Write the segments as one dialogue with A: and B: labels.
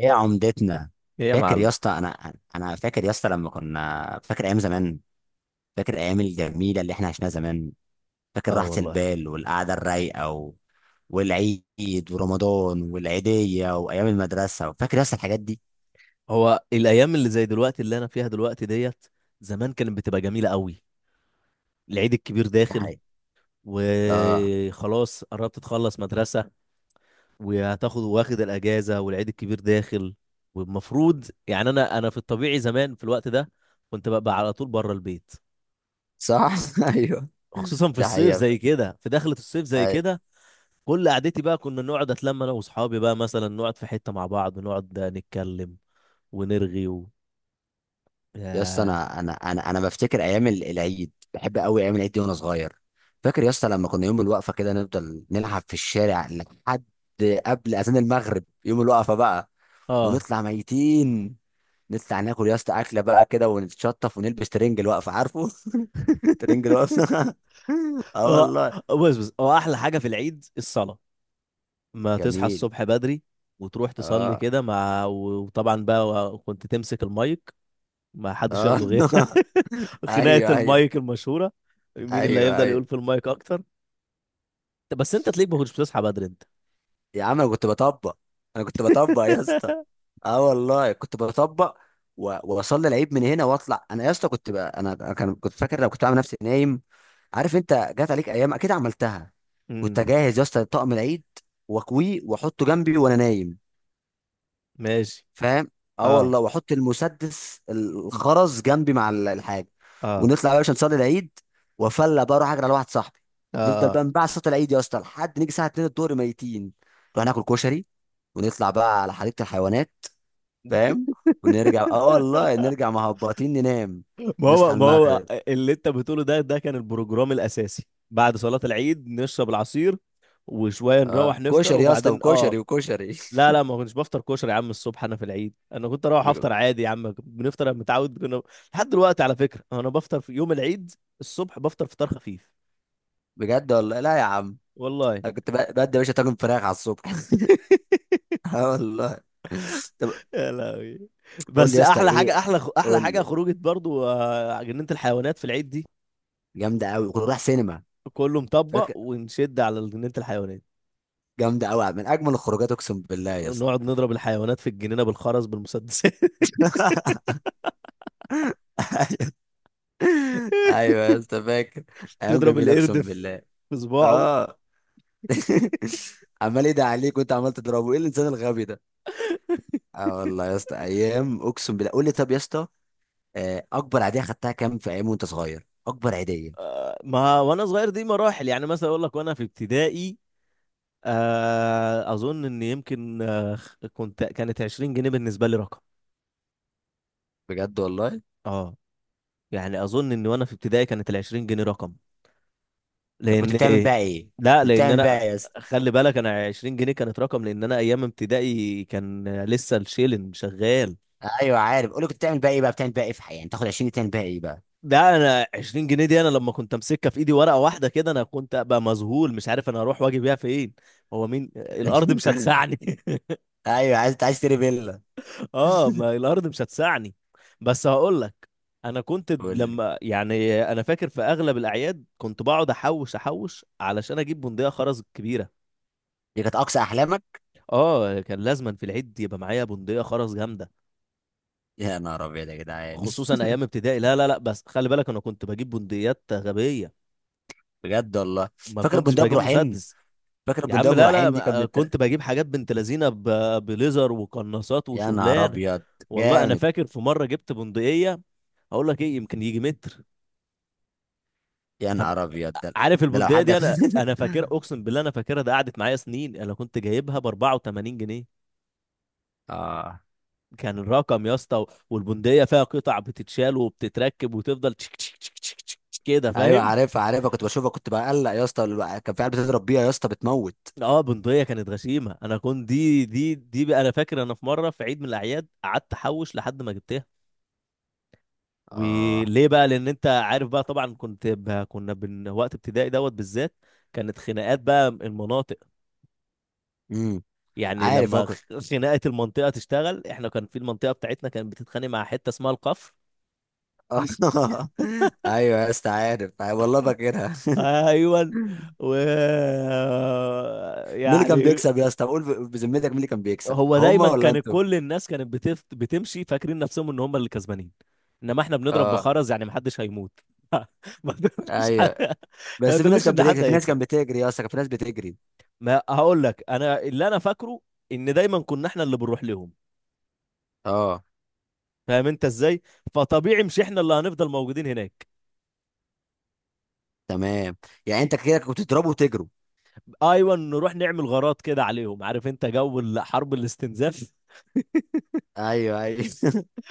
A: ايه عمدتنا؟
B: ايه يا
A: فاكر
B: معلم.
A: يا اسطى انا فاكر يا اسطى لما كنا فاكر ايام زمان. فاكر الايام الجميله اللي احنا عشناها زمان. فاكر
B: اه
A: راحه
B: والله.
A: البال والقعده الرايقه والعيد ورمضان والعيديه وايام المدرسه، فاكر يا اسطى الحاجات دي؟
B: هو الايام اللي زي دلوقتي اللي انا فيها دلوقتي ديت زمان كانت بتبقى جميله قوي. العيد الكبير
A: ده
B: داخل،
A: حقيقي. اه
B: وخلاص قربت تخلص مدرسه، وهتاخد واخد الاجازه، والعيد الكبير داخل. والمفروض يعني انا في الطبيعي زمان في الوقت ده كنت ببقى على طول بره البيت.
A: صح. ايوه.
B: خصوصا في
A: ده
B: الصيف
A: حقيقة.
B: زي كده، في دخله الصيف زي كده. كل قعدتي بقى كنا نقعد اتلم انا واصحابي بقى، مثلا نقعد في حته مع بعض ونقعد نتكلم ونرغي و...
A: يا اسطى
B: ياه.
A: انا بفتكر ايام العيد، بحب قوي ايام العيد دي وانا صغير. فاكر يا اسطى لما كنا يوم الوقفه كده نفضل نلعب في الشارع لحد قبل اذان المغرب يوم الوقفه بقى.
B: اه.
A: ونطلع ميتين، نطلع ناكل يا اسطى اكله بقى كده، ونتشطف ونلبس ترنج الوقفه، عارفه؟ ترنج الوقفه. اه
B: هو
A: والله.
B: بص بص، هو احلى حاجه في العيد الصلاه. ما تصحى
A: جميل.
B: الصبح بدري وتروح تصلي
A: اه.
B: كده مع، وطبعا بقى كنت تمسك المايك، ما حدش
A: اه.
B: ياخده غير. خناقه
A: ايوه ايوه.
B: المايك المشهوره، مين اللي
A: ايوه
B: هيفضل يقول
A: ايوه.
B: في المايك اكتر. بس انت تلاقيك ما كنتش بتصحى بدري انت.
A: يا عم انا كنت بطبق. انا كنت بطبق يا اسطى. اه والله كنت بطبق. واصلي العيد من هنا واطلع، انا يا اسطى كنت بقى انا أنا كان كنت فاكر لو كنت عامل نفسي نايم، عارف؟ انت جات عليك ايام اكيد عملتها. كنت
B: امم
A: اجهز يا اسطى طقم العيد، واكويه واحطه جنبي وانا نايم،
B: ماشي.
A: فاهم؟ اه
B: اه،
A: والله، واحط المسدس الخرز جنبي مع الحاجه.
B: اه،
A: ونطلع بقى عشان نصلي العيد، وافلى بقى اروح اجري على واحد صاحبي.
B: اه،
A: نفضل
B: آه.
A: بقى نبع صوت العيد يا اسطى لحد نيجي الساعه 2 الظهر ميتين، نروح ناكل كشري ونطلع بقى على حديقة الحيوانات، فاهم؟ ونرجع، اه والله نرجع مهبطين ننام.
B: ما
A: نصحى
B: هو ما هو
A: المغرب.
B: اللي انت بتقوله ده كان البروجرام الاساسي. بعد صلاة العيد نشرب العصير وشوية،
A: اه
B: نروح نفطر
A: كشري يا اسطى،
B: وبعدين
A: وكشري وكشري.
B: لا، لا، ما كنتش بفطر كشري يا عم. الصبح انا في العيد، انا كنت اروح
A: بج-
B: افطر عادي يا عم، بنفطر، أنا متعود كنا لحد دلوقتي، على فكرة انا بفطر في يوم العيد الصبح بفطر فطار خفيف.
A: بجد والله لا يا عم،
B: والله.
A: انا كنت بدي يا باشا طاجن فراخ على الصبح. اه والله. طب
B: يا لهوي.
A: قول لي
B: بس
A: يا اسطى
B: احلى حاجة
A: ايه،
B: احلى
A: قول
B: حاجة
A: لي.
B: خروجة برضو، جنينة الحيوانات في العيد دي.
A: جامده قوي، كنت رايح سينما؟
B: كله
A: فاكر؟
B: مطبق ونشد على جنينة الحيوانات،
A: جامده قوي، من اجمل الخروجات اقسم بالله يا اسطى.
B: نقعد نضرب الحيوانات في الجنينة بالخرز بالمسدسات.
A: ايوه يا اسطى فاكر. ايام
B: تضرب
A: جميله
B: القرد
A: اقسم
B: في
A: بالله.
B: في صباعه.
A: اه. عمال ايه ده عليك وانت عمال تضربه، ايه الانسان الغبي ده؟ اه والله يا اسطى ايام اقسم بالله. قول لي، طب يا اسطى، اكبر عيديه خدتها كام في ايام وانت صغير، اكبر عيديه؟
B: ما وانا صغير دي مراحل، يعني مثلا اقول لك وانا في ابتدائي. اظن ان يمكن كانت 20 جنيه بالنسبة لي رقم.
A: بجد والله؟
B: اه. يعني اظن ان وانا في ابتدائي كانت ال 20 جنيه رقم.
A: طب كنت
B: لان
A: بتعمل
B: ايه،
A: بقى ايه؟
B: لا،
A: كنت
B: لان
A: بتعمل
B: انا،
A: بقى ايه يا اسطى؟
B: خلي بالك، انا 20 جنيه كانت رقم، لان انا ايام ابتدائي كان لسه الشيلن شغال.
A: ايوه عارف. قول لي كنت بتعمل بقى ايه بقى، بتعمل بقى ايه في حياتك يعني، تاخد 20 تعمل بقى ايه بقى؟
B: ده انا 20 جنيه دي، انا لما كنت امسكها في ايدي ورقه واحده كده، انا كنت ابقى مذهول، مش عارف انا اروح واجي بيها فين. هو مين، الارض مش هتسعني.
A: ايوه، عايز عايز تشتري فيلا.
B: اه، ما الارض مش هتسعني. بس هقول لك، انا كنت
A: قول لي،
B: لما يعني، انا فاكر في اغلب الاعياد كنت بقعد احوش احوش علشان اجيب بندقيه خرز كبيره.
A: دي كانت اقصى احلامك؟
B: اه، كان لازما في العيد يبقى معايا بندقيه خرز جامده.
A: يا نهار ابيض يا جدعان.
B: خصوصا ايام ابتدائي، لا، لا، لا، بس خلي بالك، انا كنت بجيب بندقيات غبيه،
A: بجد والله؟
B: ما
A: فاكر
B: كنتش
A: بندقية ابو
B: بجيب
A: رحيم؟
B: مسدس.
A: فاكر
B: يا
A: بندقية
B: عم
A: ابو
B: لا،
A: رحيم دي كانت من
B: لا، كنت بجيب حاجات بنت لذينه، بليزر وقناصات
A: يا نهار
B: وشغلانه.
A: ابيض.
B: والله انا
A: جامد.
B: فاكر في مره جبت بندقيه، اقول لك ايه، يمكن يجي متر.
A: يا
B: طب.
A: نهار ابيض ده.
B: عارف
A: ده لو
B: البندقيه
A: حد.
B: دي، انا فاكرها، اقسم بالله انا فاكرها، ده قعدت معايا سنين، انا كنت جايبها ب 84 جنيه،
A: اه.
B: كان الرقم يا اسطى. والبندقيه فيها قطع بتتشال وبتتركب، وتفضل تشك تشك تشك تشك تشك تشك كده،
A: ايوه
B: فاهم.
A: عارفها عارفها، كنت بشوفها، كنت بقلق يا اسطى كان في عيال بتضرب بيها يا اسطى بتموت.
B: اه. بندقيه كانت غشيمه، انا كنت دي بقى، انا فاكر انا في مره في عيد من الاعياد قعدت احوش لحد ما جبتها.
A: اه.
B: وليه بقى، لان انت عارف بقى طبعا، كنت ب... كنا بن... وقت ابتدائي دوت بالذات كانت خناقات بقى المناطق.
A: امم.
B: يعني
A: عارف اه
B: لما
A: كنت.
B: خناقه المنطقه تشتغل، احنا كان في المنطقه بتاعتنا كانت بتتخانق مع حته اسمها القفر.
A: ايوه يا اسطى عارف، أيوة والله فاكرها.
B: ايوه و،
A: مين اللي كان
B: يعني.
A: بيكسب يا اسطى؟ قول بذمتك، مين اللي كان بيكسب،
B: هو
A: هما
B: دايما
A: ولا
B: كان
A: انتوا؟
B: كل الناس كانت بتمشي فاكرين نفسهم ان هم اللي كسبانين، انما احنا بنضرب
A: اه.
B: بخرز، يعني محدش هيموت. ما تقوليش حد...
A: ايوه.
B: ما
A: بس في ناس
B: تقوليش
A: كانت
B: ان
A: بتكسب،
B: حد
A: في ناس
B: هيكسب.
A: كانت بتجري يا اسطى، كان في ناس بتجري.
B: ما هقول لك انا اللي انا فاكره، ان دايما كنا احنا اللي بنروح لهم،
A: اه.
B: فاهم انت ازاي؟ فطبيعي مش احنا اللي هنفضل موجودين هناك.
A: تمام. يعني انت كده كنت تضربوا وتجروا.
B: ايوه، نروح نعمل غارات كده عليهم، عارف انت جو حرب الاستنزاف.
A: ايوه ايوه.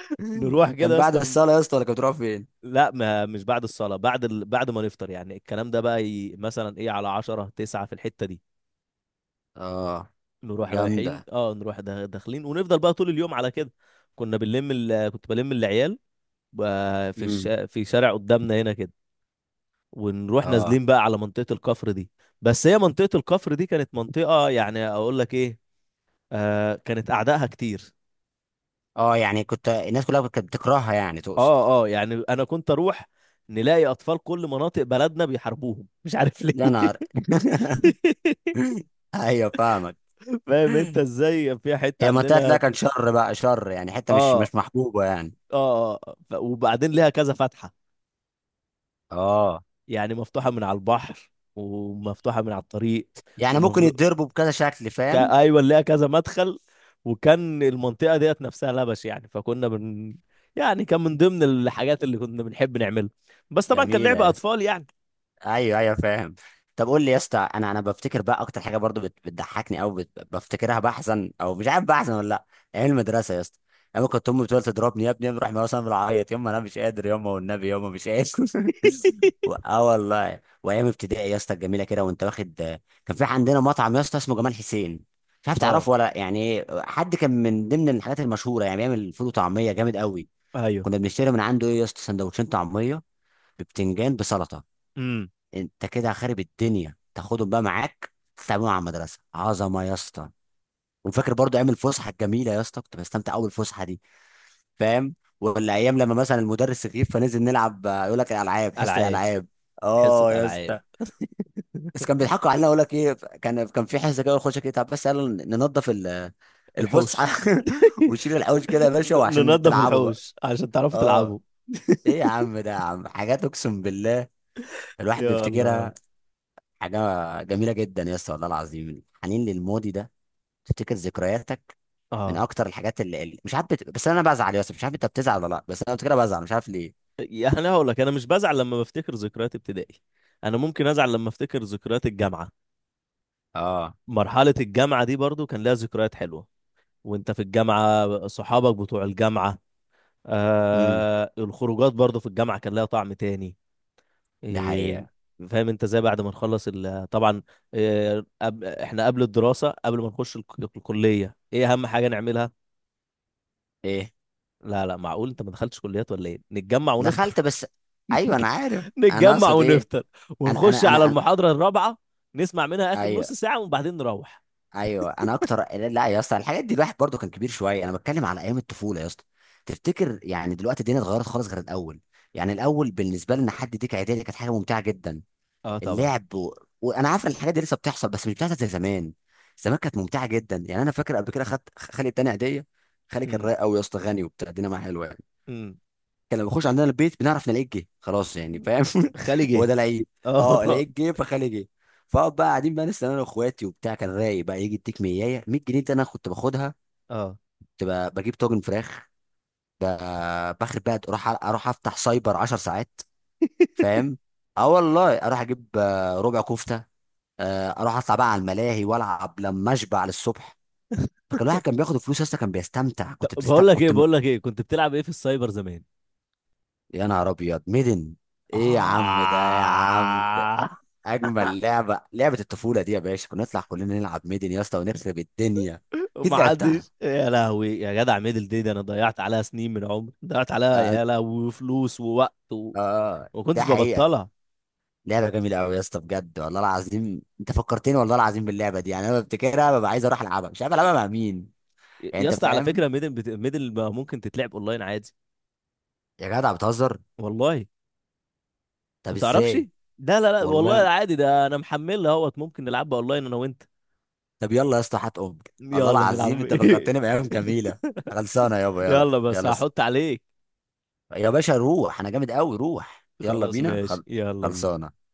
B: نروح كده
A: كان
B: يا
A: بعد
B: اسطى
A: الصاله يا اسطى ولا كنت بتروح فين؟
B: لا، ما مش بعد الصلاه، بعد ما نفطر، يعني الكلام ده بقى مثلا ايه على 10 9 في الحته دي.
A: اه.
B: نروح رايحين
A: جامدة.
B: نروح داخلين، ونفضل بقى طول اليوم على كده. كنت بلم العيال في
A: امم.
B: في شارع قدامنا هنا كده. ونروح
A: اه
B: نازلين بقى على منطقة الكفر دي. بس هي منطقة الكفر دي كانت منطقة، يعني اقول لك ايه، كانت اعدائها كتير.
A: اه، يعني كنت الناس كلها كانت بتكرهها يعني تقصد؟
B: اه، اه، يعني انا كنت اروح نلاقي اطفال كل مناطق بلدنا بيحاربوهم، مش عارف ليه.
A: يا نهار. ايوه فاهمك.
B: فاهم انت ازاي، في حتة
A: هي منطقة لا،
B: عندنا.
A: كان شر بقى شر، يعني حتة مش
B: اه،
A: مش محبوبة يعني.
B: اه، آه. وبعدين ليها كذا فتحة،
A: اه.
B: يعني مفتوحة من على البحر، ومفتوحة من على الطريق.
A: يعني ممكن يتضربوا بكذا شكل، فاهم.
B: ايوه، اللي ليها كذا مدخل. وكان المنطقه ديت نفسها لبش، يعني فكنا بن... يعني كان من ضمن الحاجات اللي كنا بنحب نعملها، بس طبعا كان
A: جميلة
B: لعب
A: يا اسطى.
B: اطفال يعني.
A: ايوه ايوه فاهم. طب قول لي يا اسطى، انا بفتكر بقى اكتر حاجه برضو بتضحكني او بفتكرها بحزن او مش عارف بحزن ولا لا، ايام المدرسه يا اسطى. ايام كنت امي بتقول تضربني، يا ابني يا ابني روح، مثلا بالعيط، يما انا مش قادر، يما والنبي يما مش قادر. اه والله. وايام ابتدائي يا اسطى الجميله كده، وانت واخد. كان في عندنا مطعم يا اسطى اسمه جمال حسين، مش عارف
B: اه،
A: تعرفه ولا، يعني حد كان من ضمن الحاجات المشهوره، يعني بيعمل فول وطعميه جامد قوي.
B: ايوه.
A: كنا بنشتري من عنده ايه يا اسطى، سندوتشين طعميه ببتنجان بسلطه.
B: امم.
A: انت كده خارب الدنيا، تاخدهم بقى معاك تتعاملوا مع المدرسه، عظمه يا اسطى. وفاكر برضو ايام الفسحه الجميله يا اسطى، كنت بستمتع قوي بالفسحه دي، فاهم؟ ولا ايام لما مثلا المدرس يغيب فننزل نلعب، يقول لك الالعاب، حصه
B: العاب
A: الالعاب.
B: حصه
A: اه يا
B: العاب.
A: اسطى. بس كان بيضحكوا علينا، يقول لك ايه، كان في حصه كده، يخش كده طب، بس قالوا ننظف الفسحه.
B: الحوش.
A: ونشيل الحوش كده يا باشا، وعشان
B: ننظف
A: تلعبوا بقى.
B: الحوش عشان تعرفوا
A: اه.
B: تلعبوا.
A: ايه يا عم ده يا عم، حاجات اقسم بالله الواحد
B: يا الله.
A: بيفتكرها. حاجة جميلة جدا يا اسطى والله العظيم، الحنين للماضي ده، تفتكر ذكرياتك من
B: اه،
A: أكتر الحاجات مش عارف بس أنا بزعل يا اسطى، مش عارف أنت بتزعل ولا لأ، بس أنا كده بزعل مش عارف ليه.
B: يعني انا هقول لك انا مش بزعل لما بفتكر ذكريات ابتدائي، انا ممكن ازعل لما افتكر ذكريات الجامعه.
A: اه.
B: مرحله الجامعه دي برضو كان لها ذكريات حلوه، وانت في الجامعة صحابك بتوع الجامعة.
A: امم.
B: الخروجات برضو في الجامعة كان لها طعم تاني.
A: ده
B: إيه.
A: حقيقة.
B: فاهم انت ازاي بعد ما نخلص طبعا. إيه، احنا قبل الدراسة، قبل ما نخش الكلية، ايه اهم حاجة نعملها.
A: إيه.
B: لا، لا، معقول انت ما دخلتش كليات ولا ايه؟ نتجمع ونفطر.
A: دخلت بس. أيوه أنا عارف. أنا
B: نتجمع
A: أقصد إيه.
B: ونفطر،
A: أنا
B: ونخش
A: أنا
B: على
A: أنا أنا
B: المحاضرة الرابعة، نسمع منها اخر نص
A: أيوه.
B: ساعة وبعدين نروح.
A: أيوه أنا أكتر. لا يا اسطى الحاجات دي الواحد برضو كان كبير شوية، أنا بتكلم على أيام الطفولة يا اسطى. تفتكر يعني دلوقتي الدنيا اتغيرت خالص غير الأول؟ يعني الأول بالنسبة لنا حد يديك عيدية دي كانت حاجة ممتعة جدا.
B: اه، طبعا.
A: اللعب وانا عارف ان الحاجات دي لسه بتحصل، بس مش بتحصل زي زمان. زمان كانت ممتعه جدا. يعني انا فاكر قبل كده، خدت، خالي اداني هديه. خالي كان
B: امم،
A: رايق قوي يا اسطى، غني وبتاع، الدنيا معاه حلوه يعني.
B: امم.
A: كان لما بيخش عندنا البيت بنعرف نلاقيه جه، خلاص يعني، فاهم.
B: خالي
A: هو
B: جه.
A: ده العيد. اه
B: اه.
A: لقيت جه، فخالي جه. فاقعد بقى قاعدين بقى لسه انا واخواتي وبتاع، كان رايق بقى، يجي يديك 100، 100 جنيه دي انا كنت باخدها.
B: اه،
A: كنت بجيب طاجن فراخ، باخد بقى اروح، اروح افتح سايبر 10 ساعات، فاهم. اه والله، اروح اجيب ربع كفته، اروح اطلع بقى على الملاهي والعب لما اشبع للصبح. فكان الواحد كان بياخد الفلوس اصلا كان بيستمتع،
B: طب
A: كنت
B: بقول
A: بتستمتع،
B: لك ايه بقول لك ايه كنت بتلعب ايه في السايبر زمان؟
A: يا نهار ابيض، ميدن. ايه يا عم ده يا عم ده،
B: آه.
A: اجمل لعبه، لعبه الطفوله دي يا باشا، كنا نطلع كلنا نلعب ميدن يا اسطى ونخرب الدنيا. اكيد
B: ما
A: لعبتها.
B: حدش يا لهوي يا جدع، ميدل دي ده انا ضيعت عليها سنين من عمري، ضيعت عليها
A: اه.
B: يا لهوي فلوس ووقت و... وما
A: ده
B: كنتش
A: حقيقه.
B: ببطلها.
A: لعبه جميله قوي يا اسطى، بجد والله العظيم انت فكرتني، والله العظيم باللعبه دي، يعني انا بفتكرها، ببقى عايز اروح العبها، مش عارف العبها مع مين، يعني
B: يا
A: انت
B: اسطى على
A: فاهم.
B: فكره، ميدل ميدل ما ممكن تتلعب اونلاين عادي.
A: يا جدع بتهزر.
B: والله. ما
A: طب
B: تعرفش.
A: ازاي؟
B: لا، لا، لا، والله
A: والله.
B: عادي، ده انا محملها اهوت، ممكن نلعبها اونلاين انا وانت.
A: طب يلا يا اسطى هات ام. الله
B: يلا نلعب.
A: العظيم انت فكرتني بايام جميله. خلصانه يابا، يلا
B: يلا بس
A: يلا،
B: هحط عليك.
A: يا باشا روح، انا جامد قوي، روح يلا
B: خلاص
A: بينا
B: ماشي، يلا بينا
A: خلصانه.